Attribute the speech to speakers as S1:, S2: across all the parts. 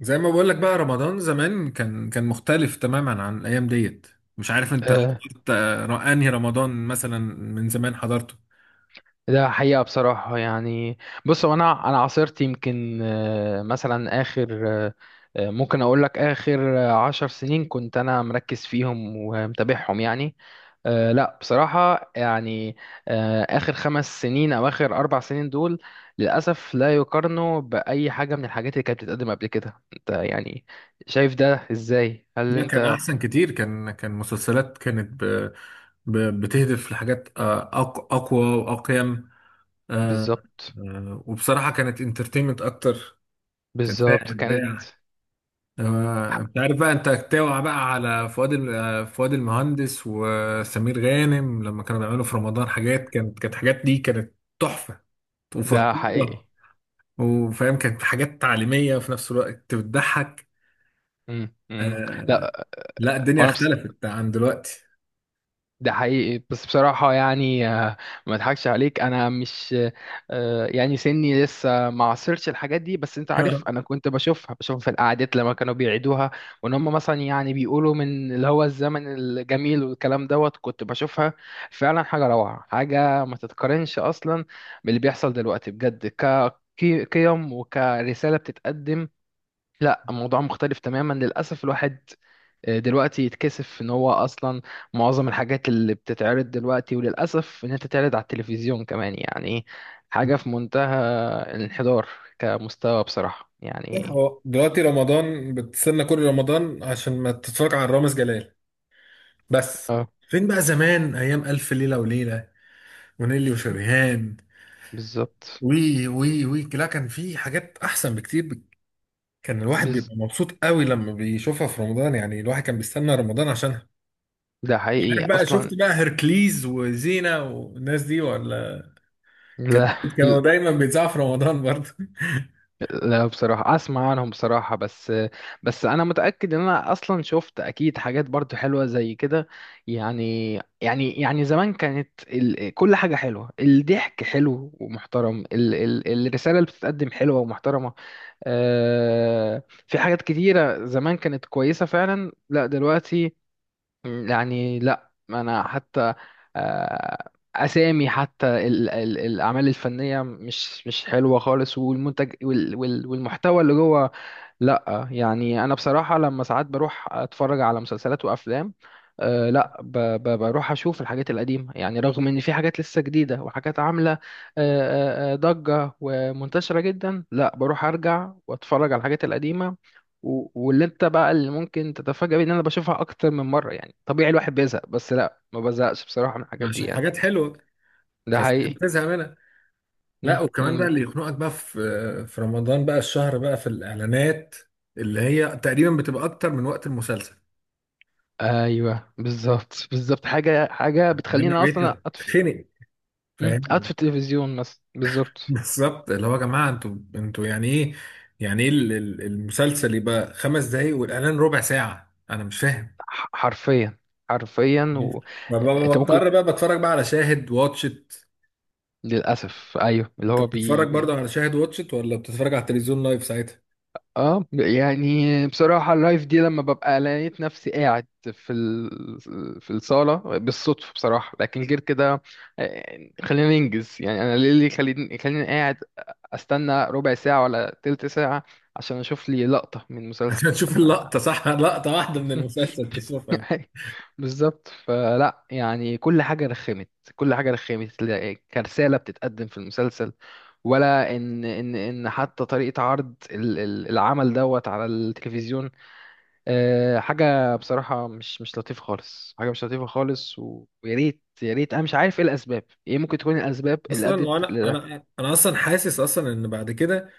S1: زي ما بقول لك بقى رمضان زمان كان مختلف تماما عن الايام ديت. مش عارف انت
S2: آه،
S1: حضرت انهي رمضان مثلا؟ من زمان حضرته.
S2: ده حقيقة بصراحة يعني. بص، هو أنا عاصرت يمكن مثلا آخر ممكن أقول لك آخر 10 سنين كنت أنا مركز فيهم ومتابعهم يعني. لا، بصراحة يعني آخر 5 سنين أو آخر 4 سنين دول، للأسف لا يقارنوا بأي حاجة من الحاجات اللي كانت بتتقدم قبل كده. أنت يعني شايف ده إزاي؟ هل
S1: ده كان
S2: أنت
S1: احسن كتير، كان مسلسلات كانت بتهدف لحاجات اقوى واقيم. آه،
S2: بالظبط،
S1: وبصراحة كانت انترتينمنت اكتر، كان فيها
S2: بالظبط كانت
S1: ابداع. انت عارف بقى، انت توع بقى على فؤاد المهندس وسمير غانم لما كانوا بيعملوا في رمضان حاجات، كانت حاجات دي كانت تحفة
S2: ده حقيقي.
S1: وفطورة، وفاهم كانت حاجات تعليمية وفي نفس الوقت بتضحك.
S2: مم. مم.
S1: آه
S2: لا،
S1: لا، الدنيا
S2: هو انا بص.
S1: اختلفت عن دلوقتي.
S2: ده حقيقي بس بصراحة يعني ما اضحكش عليك، أنا مش يعني سني لسه ما عاصرتش الحاجات دي، بس أنت عارف أنا كنت بشوفها في القعدات لما كانوا بيعيدوها، وإن هم مثلا يعني بيقولوا من اللي هو الزمن الجميل والكلام دوت. كنت بشوفها فعلا حاجة روعة، حاجة ما تتقارنش أصلا باللي بيحصل دلوقتي بجد، كقيم وكرسالة بتتقدم. لا، الموضوع مختلف تماما للأسف. الواحد دلوقتي يتكسف ان هو اصلا معظم الحاجات اللي بتتعرض دلوقتي، وللاسف انها تتعرض على التلفزيون كمان يعني، حاجه في منتهى الانحدار كمستوى بصراحه يعني.
S1: هو دلوقتي رمضان بتستنى كل رمضان عشان ما تتفرج على رامز جلال بس.
S2: اه،
S1: فين بقى زمان ايام الف ليلة وليلة ونيلي وشريهان؟
S2: بالظبط.
S1: وي وي وي، لا كان في حاجات احسن بكتير كان الواحد
S2: بز.
S1: بيبقى مبسوط قوي لما بيشوفها في رمضان، يعني الواحد كان بيستنى رمضان عشانها.
S2: ده
S1: مش
S2: حقيقي
S1: عارف بقى،
S2: اصلا.
S1: شفت بقى هركليز وزينة والناس دي ولا؟ كان-
S2: لا.
S1: كانوا دايما بيتذاعوا في رمضان برضه.
S2: لا، بصراحة أسمع عنهم بصراحة، بس أنا متأكد إن أنا أصلا شفت أكيد حاجات برضو حلوة زي كده يعني. يعني زمان كانت ال، كل حاجة حلوة، الضحك حلو ومحترم، الرسالة اللي بتتقدم حلوة ومحترمة. في حاجات كتيرة زمان كانت كويسة فعلا. لا دلوقتي. مم، يعني لا انا حتى اسامي حتى الاعمال الفنيه مش حلوه خالص، والمنتج والمحتوى اللي جوه. لا، يعني انا بصراحه لما ساعات بروح اتفرج على مسلسلات وافلام، لا، ب ب بروح اشوف الحاجات القديمه يعني، رغم ان في حاجات لسه جديده وحاجات عامله أه أه آه، ضجه ومنتشره جدا، لا بروح ارجع واتفرج على الحاجات القديمه. واللي انت بقى اللي ممكن تتفاجأ بيه ان انا بشوفها اكتر من مره يعني. طبيعي الواحد بيزهق، بس لا، ما بزهقش بصراحه من الحاجات دي
S1: عشان
S2: يعني.
S1: حاجات حلوه
S2: ده
S1: فاستحيل
S2: حقيقي
S1: تزهق منها.
S2: م-
S1: لا، وكمان بقى،
S2: م.
S1: اللي يخنقك بقى في رمضان بقى الشهر بقى في الاعلانات، اللي هي تقريبا بتبقى اكتر من وقت المسلسل.
S2: ايوه، بالظبط، بالظبط. حاجه
S1: يعني انا
S2: بتخليني
S1: بقيت
S2: اصلا أطفي.
S1: اتخنق،
S2: مم. قاعد
S1: فاهم؟
S2: في التلفزيون مثلا. بالظبط.
S1: بالظبط، اللي هو يا جماعه، انتوا يعني ايه؟ يعني ايه المسلسل يبقى خمس دقايق والاعلان ربع ساعه؟ انا مش فاهم.
S2: حرفيا، حرفيا.
S1: ببقى
S2: انت ممكن
S1: بضطر بقى بتفرج بقى على شاهد واتشت.
S2: للاسف ايوه، اللي
S1: انت
S2: هو
S1: بتتفرج برضه على شاهد واتشت ولا بتتفرج على التلفزيون لايف ساعتها؟
S2: اه، يعني بصراحه، اللايف دي لما ببقى لقيت نفسي قاعد في في الصاله بالصدفه بصراحه، لكن غير كده خلينا ننجز يعني. انا ليه اللي خليني قاعد استنى ربع ساعه ولا تلت ساعه عشان اشوف لي لقطه من مسلسل؟
S1: عشان تشوف
S2: طب.
S1: اللقطة صح، لقطة واحدة من المسلسل تشوفها.
S2: أي، بالظبط. فلا يعني، كل حاجة رخمت، كل حاجة رخمت. كرسالة بتتقدم في المسلسل، ولا ان حتى طريقة عرض العمل دوت على التلفزيون، حاجة بصراحة مش لطيفة خالص، حاجة مش لطيفة خالص. ويا ريت، يا ريت. انا مش عارف ايه الاسباب، ايه ممكن تكون الاسباب اللي
S1: أصلا
S2: ادت
S1: وأنا
S2: لده.
S1: أنا أنا أصلا حاسس أصلا إن بعد كده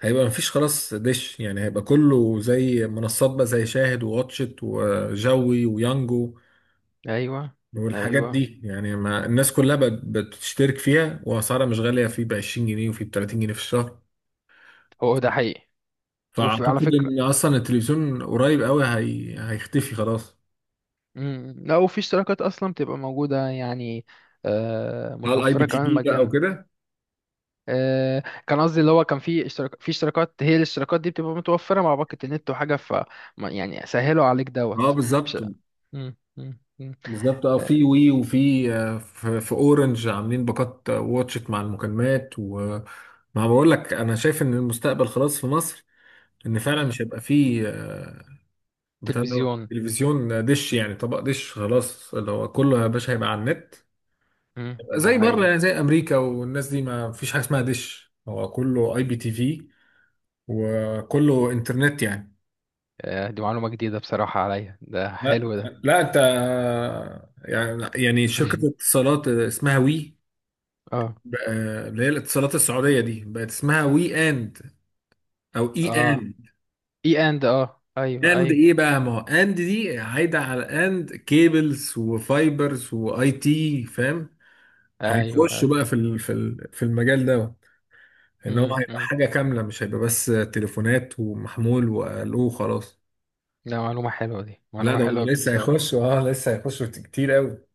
S1: هيبقى مفيش خلاص دش، يعني هيبقى كله زي منصات بقى، زي شاهد وواتشت وجوي ويانجو
S2: ايوه،
S1: والحاجات
S2: ايوه.
S1: دي. يعني ما الناس كلها بقت بتشترك فيها، وأسعارها مش غالية، في ب 20 جنيه وفي ب 30 جنيه في الشهر.
S2: هو ده حقيقي. وفي على
S1: فأعتقد
S2: فكرة،
S1: إن أصلا التلفزيون قريب قوي هيختفي خلاص.
S2: مم. لا، وفي اشتراكات اصلا بتبقى موجودة يعني،
S1: على الاي بي
S2: متوفرة
S1: تي
S2: كمان
S1: في بقى
S2: مجانا.
S1: وكده.
S2: كان قصدي اللي هو كان في اشتراكات، هي الاشتراكات دي بتبقى متوفرة مع باقة النت وحاجة. ف يعني سهلوا عليك
S1: اه
S2: دوت.
S1: بالظبط،
S2: مش. مم. مم. مم.
S1: بالظبط. اه، في
S2: آه،
S1: وي وفي في اورنج عاملين باقات واتشت مع المكالمات وما... بقول لك، انا شايف ان المستقبل خلاص في مصر، ان فعلا
S2: مم.
S1: مش هيبقى فيه بتاع ده
S2: تلفزيون.
S1: تلفزيون، دش، يعني طبق دش خلاص، اللي هو كله يا باشا هيبقى على النت.
S2: مم،
S1: هيبقى
S2: ده
S1: زي بره،
S2: هي
S1: يعني زي امريكا والناس دي، ما فيش حاجه اسمها دش، هو كله اي بي تي في وكله انترنت يعني.
S2: دي معلومة جديدة بصراحة عليا، ده
S1: لا
S2: حلو ده.
S1: لا، انت يعني شركه اتصالات اسمها وي
S2: اه،
S1: بقى، اللي هي الاتصالات السعودية دي بقت اسمها وي اند، او اي
S2: اه،
S1: اند.
S2: اي اند، اه، ايوه،
S1: اند
S2: ايوه،
S1: ايه بقى؟ ما هو اند دي هايدة على اند كيبلز وفايبرز واي تي، فاهم؟
S2: ايوه، ايوه.
S1: هيخشوا بقى في المجال ده، ان هو
S2: مم،
S1: هيبقى
S2: مم.
S1: حاجة كاملة مش هيبقى بس تليفونات ومحمول وقالوه خلاص.
S2: ده معلومة حلوة، دي
S1: لا
S2: معلومة
S1: ده هم
S2: حلوة
S1: لسه
S2: كنت.
S1: هيخشوا، اه لسه هيخشوا في كتير قوي.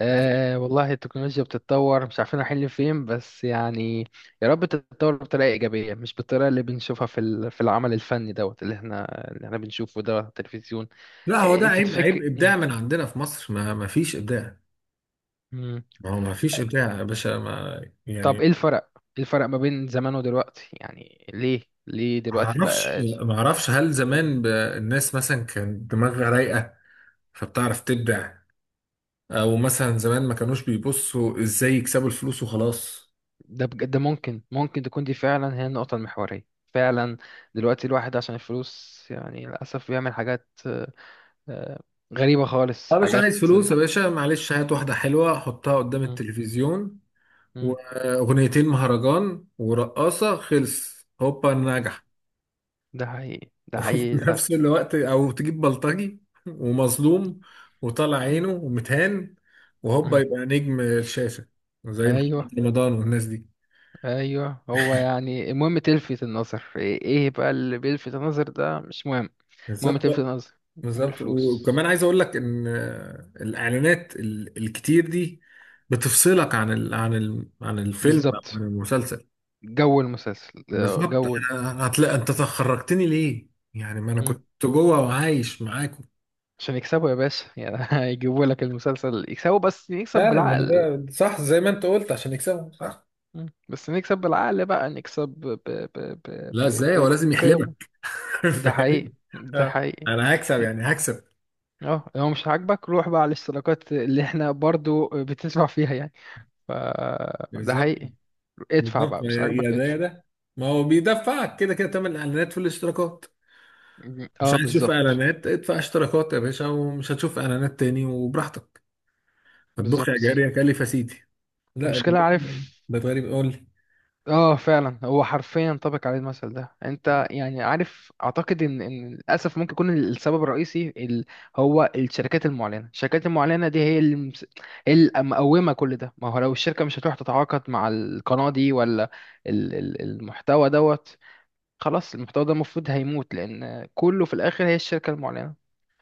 S2: آه والله، التكنولوجيا بتتطور، مش عارفين رايحين لفين بس يعني. يا رب تتطور بطريقة إيجابية، مش بالطريقة اللي بنشوفها في في العمل الفني دوت، اللي احنا بنشوفه ده على التلفزيون.
S1: لا، هو ده
S2: انت
S1: عيب،
S2: تفكر.
S1: عيب ابداع
S2: مم.
S1: من عندنا في مصر، ما فيش ابداع.
S2: مم.
S1: ما هو ما فيش ابداع يا باشا، ما
S2: طب
S1: يعني...
S2: ايه الفرق؟ ما بين زمان ودلوقتي يعني؟ ليه دلوقتي
S1: معرفش
S2: بقى؟
S1: معرفش هل
S2: مم.
S1: زمان الناس مثلا كان دماغها رايقة فبتعرف تبدع؟ او مثلا زمان ما كانوش بيبصوا ازاي يكسبوا الفلوس وخلاص.
S2: ده بجد، ده ممكن تكون دي فعلا هي النقطة المحورية فعلا. دلوقتي الواحد عشان الفلوس يعني للأسف بيعمل حاجات آه، غريبة خالص،
S1: اه، مش
S2: حاجات.
S1: عايز فلوس يا باشا، معلش، هات واحدة حلوة حطها قدام التلفزيون
S2: مم.
S1: واغنيتين مهرجان ورقاصة، خلص، هوبا نجح.
S2: ده حقيقي، ده
S1: وفي
S2: حقيقي للأسف.
S1: نفس الوقت او تجيب بلطجي ومظلوم وطلع
S2: مم.
S1: عينه ومتهان، وهوبا
S2: مم.
S1: يبقى نجم الشاشة، زي
S2: أيوه،
S1: محمد رمضان والناس دي.
S2: أيوه. هو يعني المهم تلفت النظر. إيه بقى اللي بيلفت النظر، ده مش مهم. المهم
S1: بالظبط،
S2: تلفت النظر. أم
S1: بالظبط.
S2: الفلوس.
S1: وكمان عايز اقول لك ان الاعلانات الكتير دي بتفصلك عن الفيلم او عن
S2: بالظبط.
S1: المسلسل.
S2: جو المسلسل،
S1: بالظبط.
S2: جو
S1: هتلاقي انت تخرجتني ليه؟ يعني ما انا كنت
S2: مم.
S1: جوه وعايش معاكم.
S2: عشان يكسبوا يا باشا يعني. هيجيبوا لك المسلسل يكسبوا، بس نكسب
S1: فعلا، ما
S2: بالعقل.
S1: ده صح، زي ما انت قلت، عشان يكسبوا، صح.
S2: مم. بس نكسب بالعقل بقى، نكسب
S1: لا ازاي، هو لازم يحلبك.
S2: بالقيم. ده حقيقي،
S1: فاهم.
S2: ده
S1: اه
S2: حقيقي.
S1: انا هكسب يعني، هكسب.
S2: اه، لو مش عاجبك روح بقى على الاشتراكات اللي احنا برضو بتدفع فيها يعني. ف ده
S1: بالظبط،
S2: حقيقي. ادفع
S1: بالظبط.
S2: بقى،
S1: يا
S2: مش
S1: يا
S2: عاجبك
S1: ده يا
S2: ادفع.
S1: ده، ما هو بيدفعك كده كده تمن الاعلانات في الاشتراكات. مش
S2: اه،
S1: عايز تشوف
S2: بالظبط،
S1: اعلانات، ادفع اشتراكات يا باشا ومش هتشوف اعلانات تاني وبراحتك. اطبخ يا جاري
S2: بالظبط.
S1: يا كلف يا سيدي. لا
S2: المشكلة
S1: الدنيا
S2: عارف،
S1: بقت غريب قوي.
S2: اه فعلا. هو حرفيا ينطبق عليه المثل ده، انت يعني عارف. اعتقد ان للاسف ممكن يكون السبب الرئيسي هو الشركات المعلنه. الشركات المعلنه دي هي اللي هي اللي مقومه كل ده. ما هو لو الشركه مش هتروح تتعاقد مع القناه دي ولا المحتوى دوت، خلاص المحتوى ده المفروض هيموت، لان كله في الاخر هي الشركه المعلنه.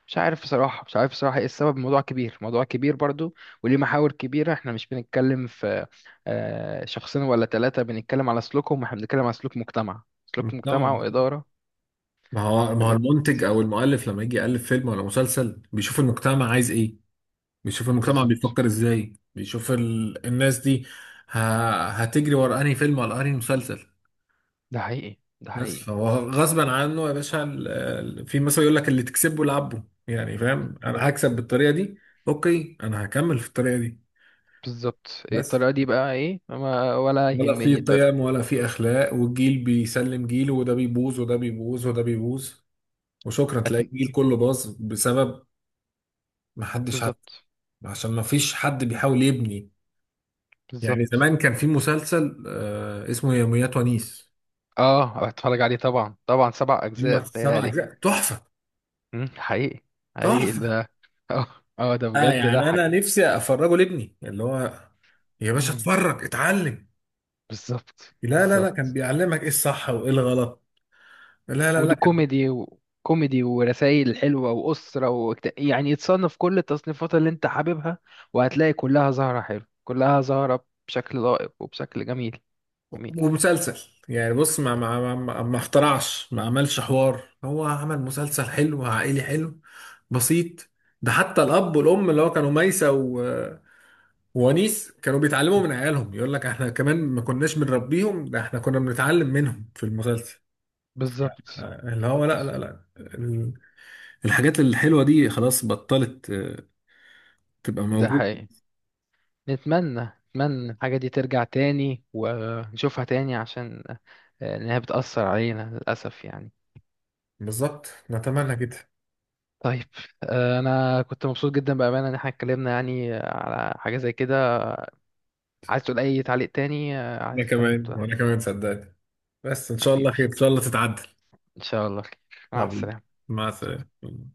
S2: مش عارف بصراحه، مش عارف بصراحه ايه السبب. الموضوع كبير، موضوع كبير برضو وليه محاور كبيره. احنا مش بنتكلم في شخصين ولا ثلاثه بنتكلم على سلوكهم، احنا بنتكلم على سلوك مجتمع. سلوك
S1: المجتمع،
S2: مجتمع واداره
S1: ما هو
S2: حاجات.
S1: المنتج او المؤلف لما يجي يالف فيلم ولا مسلسل بيشوف المجتمع عايز ايه، بيشوف المجتمع
S2: بالظبط.
S1: بيفكر ازاي، بيشوف الناس دي ه... هتجري ورا انهي فيلم ولا انهي مسلسل.
S2: ده حقيقي، ده
S1: بس
S2: حقيقي.
S1: فهو غصبا عنه يا باشا، في مثلا يقول لك اللي تكسبه لعبه، يعني
S2: م.
S1: فاهم، انا هكسب بالطريقه دي، اوكي انا هكمل في الطريقه دي
S2: بالظبط.
S1: بس،
S2: الطريقه دي بقى ايه؟ ما ولا
S1: ولا في
S2: يهمني الطريقه.
S1: قيم ولا في اخلاق، والجيل بيسلم جيله وده بيبوظ وده بيبوظ وده بيبوظ، وشكرا،
S2: أت...
S1: تلاقي الجيل كله باظ بسبب ما حدش عارف،
S2: بالظبط،
S1: عشان ما فيش حد بيحاول يبني. يعني
S2: بالظبط.
S1: زمان كان في مسلسل اسمه يوميات ونيس،
S2: اه، هتفرج عليه طبعا، طبعا. 7 اجزاء
S1: هم سبع
S2: بتهيألي.
S1: اجزاء تحفه،
S2: مم، حقيقي، حقيقي
S1: تحفه.
S2: ده. اه، اه، ده
S1: اه
S2: بجد، ده
S1: يعني انا
S2: حاجة.
S1: نفسي افرجه لابني، اللي هو يا باشا
S2: مم،
S1: اتفرج اتعلم.
S2: بالظبط،
S1: لا لا لا، كان
S2: بالظبط.
S1: بيعلمك ايه الصح وايه الغلط. لا لا لا.
S2: وده كوميدي، ورسائل حلوة وأسرة يعني يتصنف كل التصنيفات اللي أنت حاببها، وهتلاقي كلها زهرة حلو، كلها زهرة بشكل لائق وبشكل جميل. جميل.
S1: ومسلسل، يعني بص، ما ما اخترعش، ما عملش حوار، هو عمل مسلسل حلو عائلي حلو بسيط. ده حتى الاب والام اللي هو كانوا ميسة وونيس كانوا بيتعلموا
S2: مم،
S1: من عيالهم، يقول لك احنا كمان ما كناش بنربيهم، ده احنا كنا بنتعلم منهم في المسلسل.
S2: بالظبط،
S1: اللي هو لا
S2: بالظبط.
S1: لا لا الحاجات الحلوة دي خلاص بطلت تبقى
S2: ده
S1: موجودة.
S2: حقيقي. نتمنى، نتمنى الحاجة دي ترجع تاني ونشوفها تاني عشان إنها بتأثر علينا للأسف يعني.
S1: بالظبط نتمنى كده.
S2: طيب، انا كنت مبسوط جدا بامانه ان احنا اتكلمنا يعني على حاجه زي كده. عايز تقول اي تعليق تاني؟ عايز
S1: انا
S2: حابب
S1: كمان،
S2: تقول.
S1: وانا كمان صدقني، بس ان شاء الله
S2: حبيبي،
S1: خير، ان شاء الله تتعدل.
S2: ان شاء الله خير. مع
S1: حبيبي،
S2: السلامه.
S1: مع السلامة.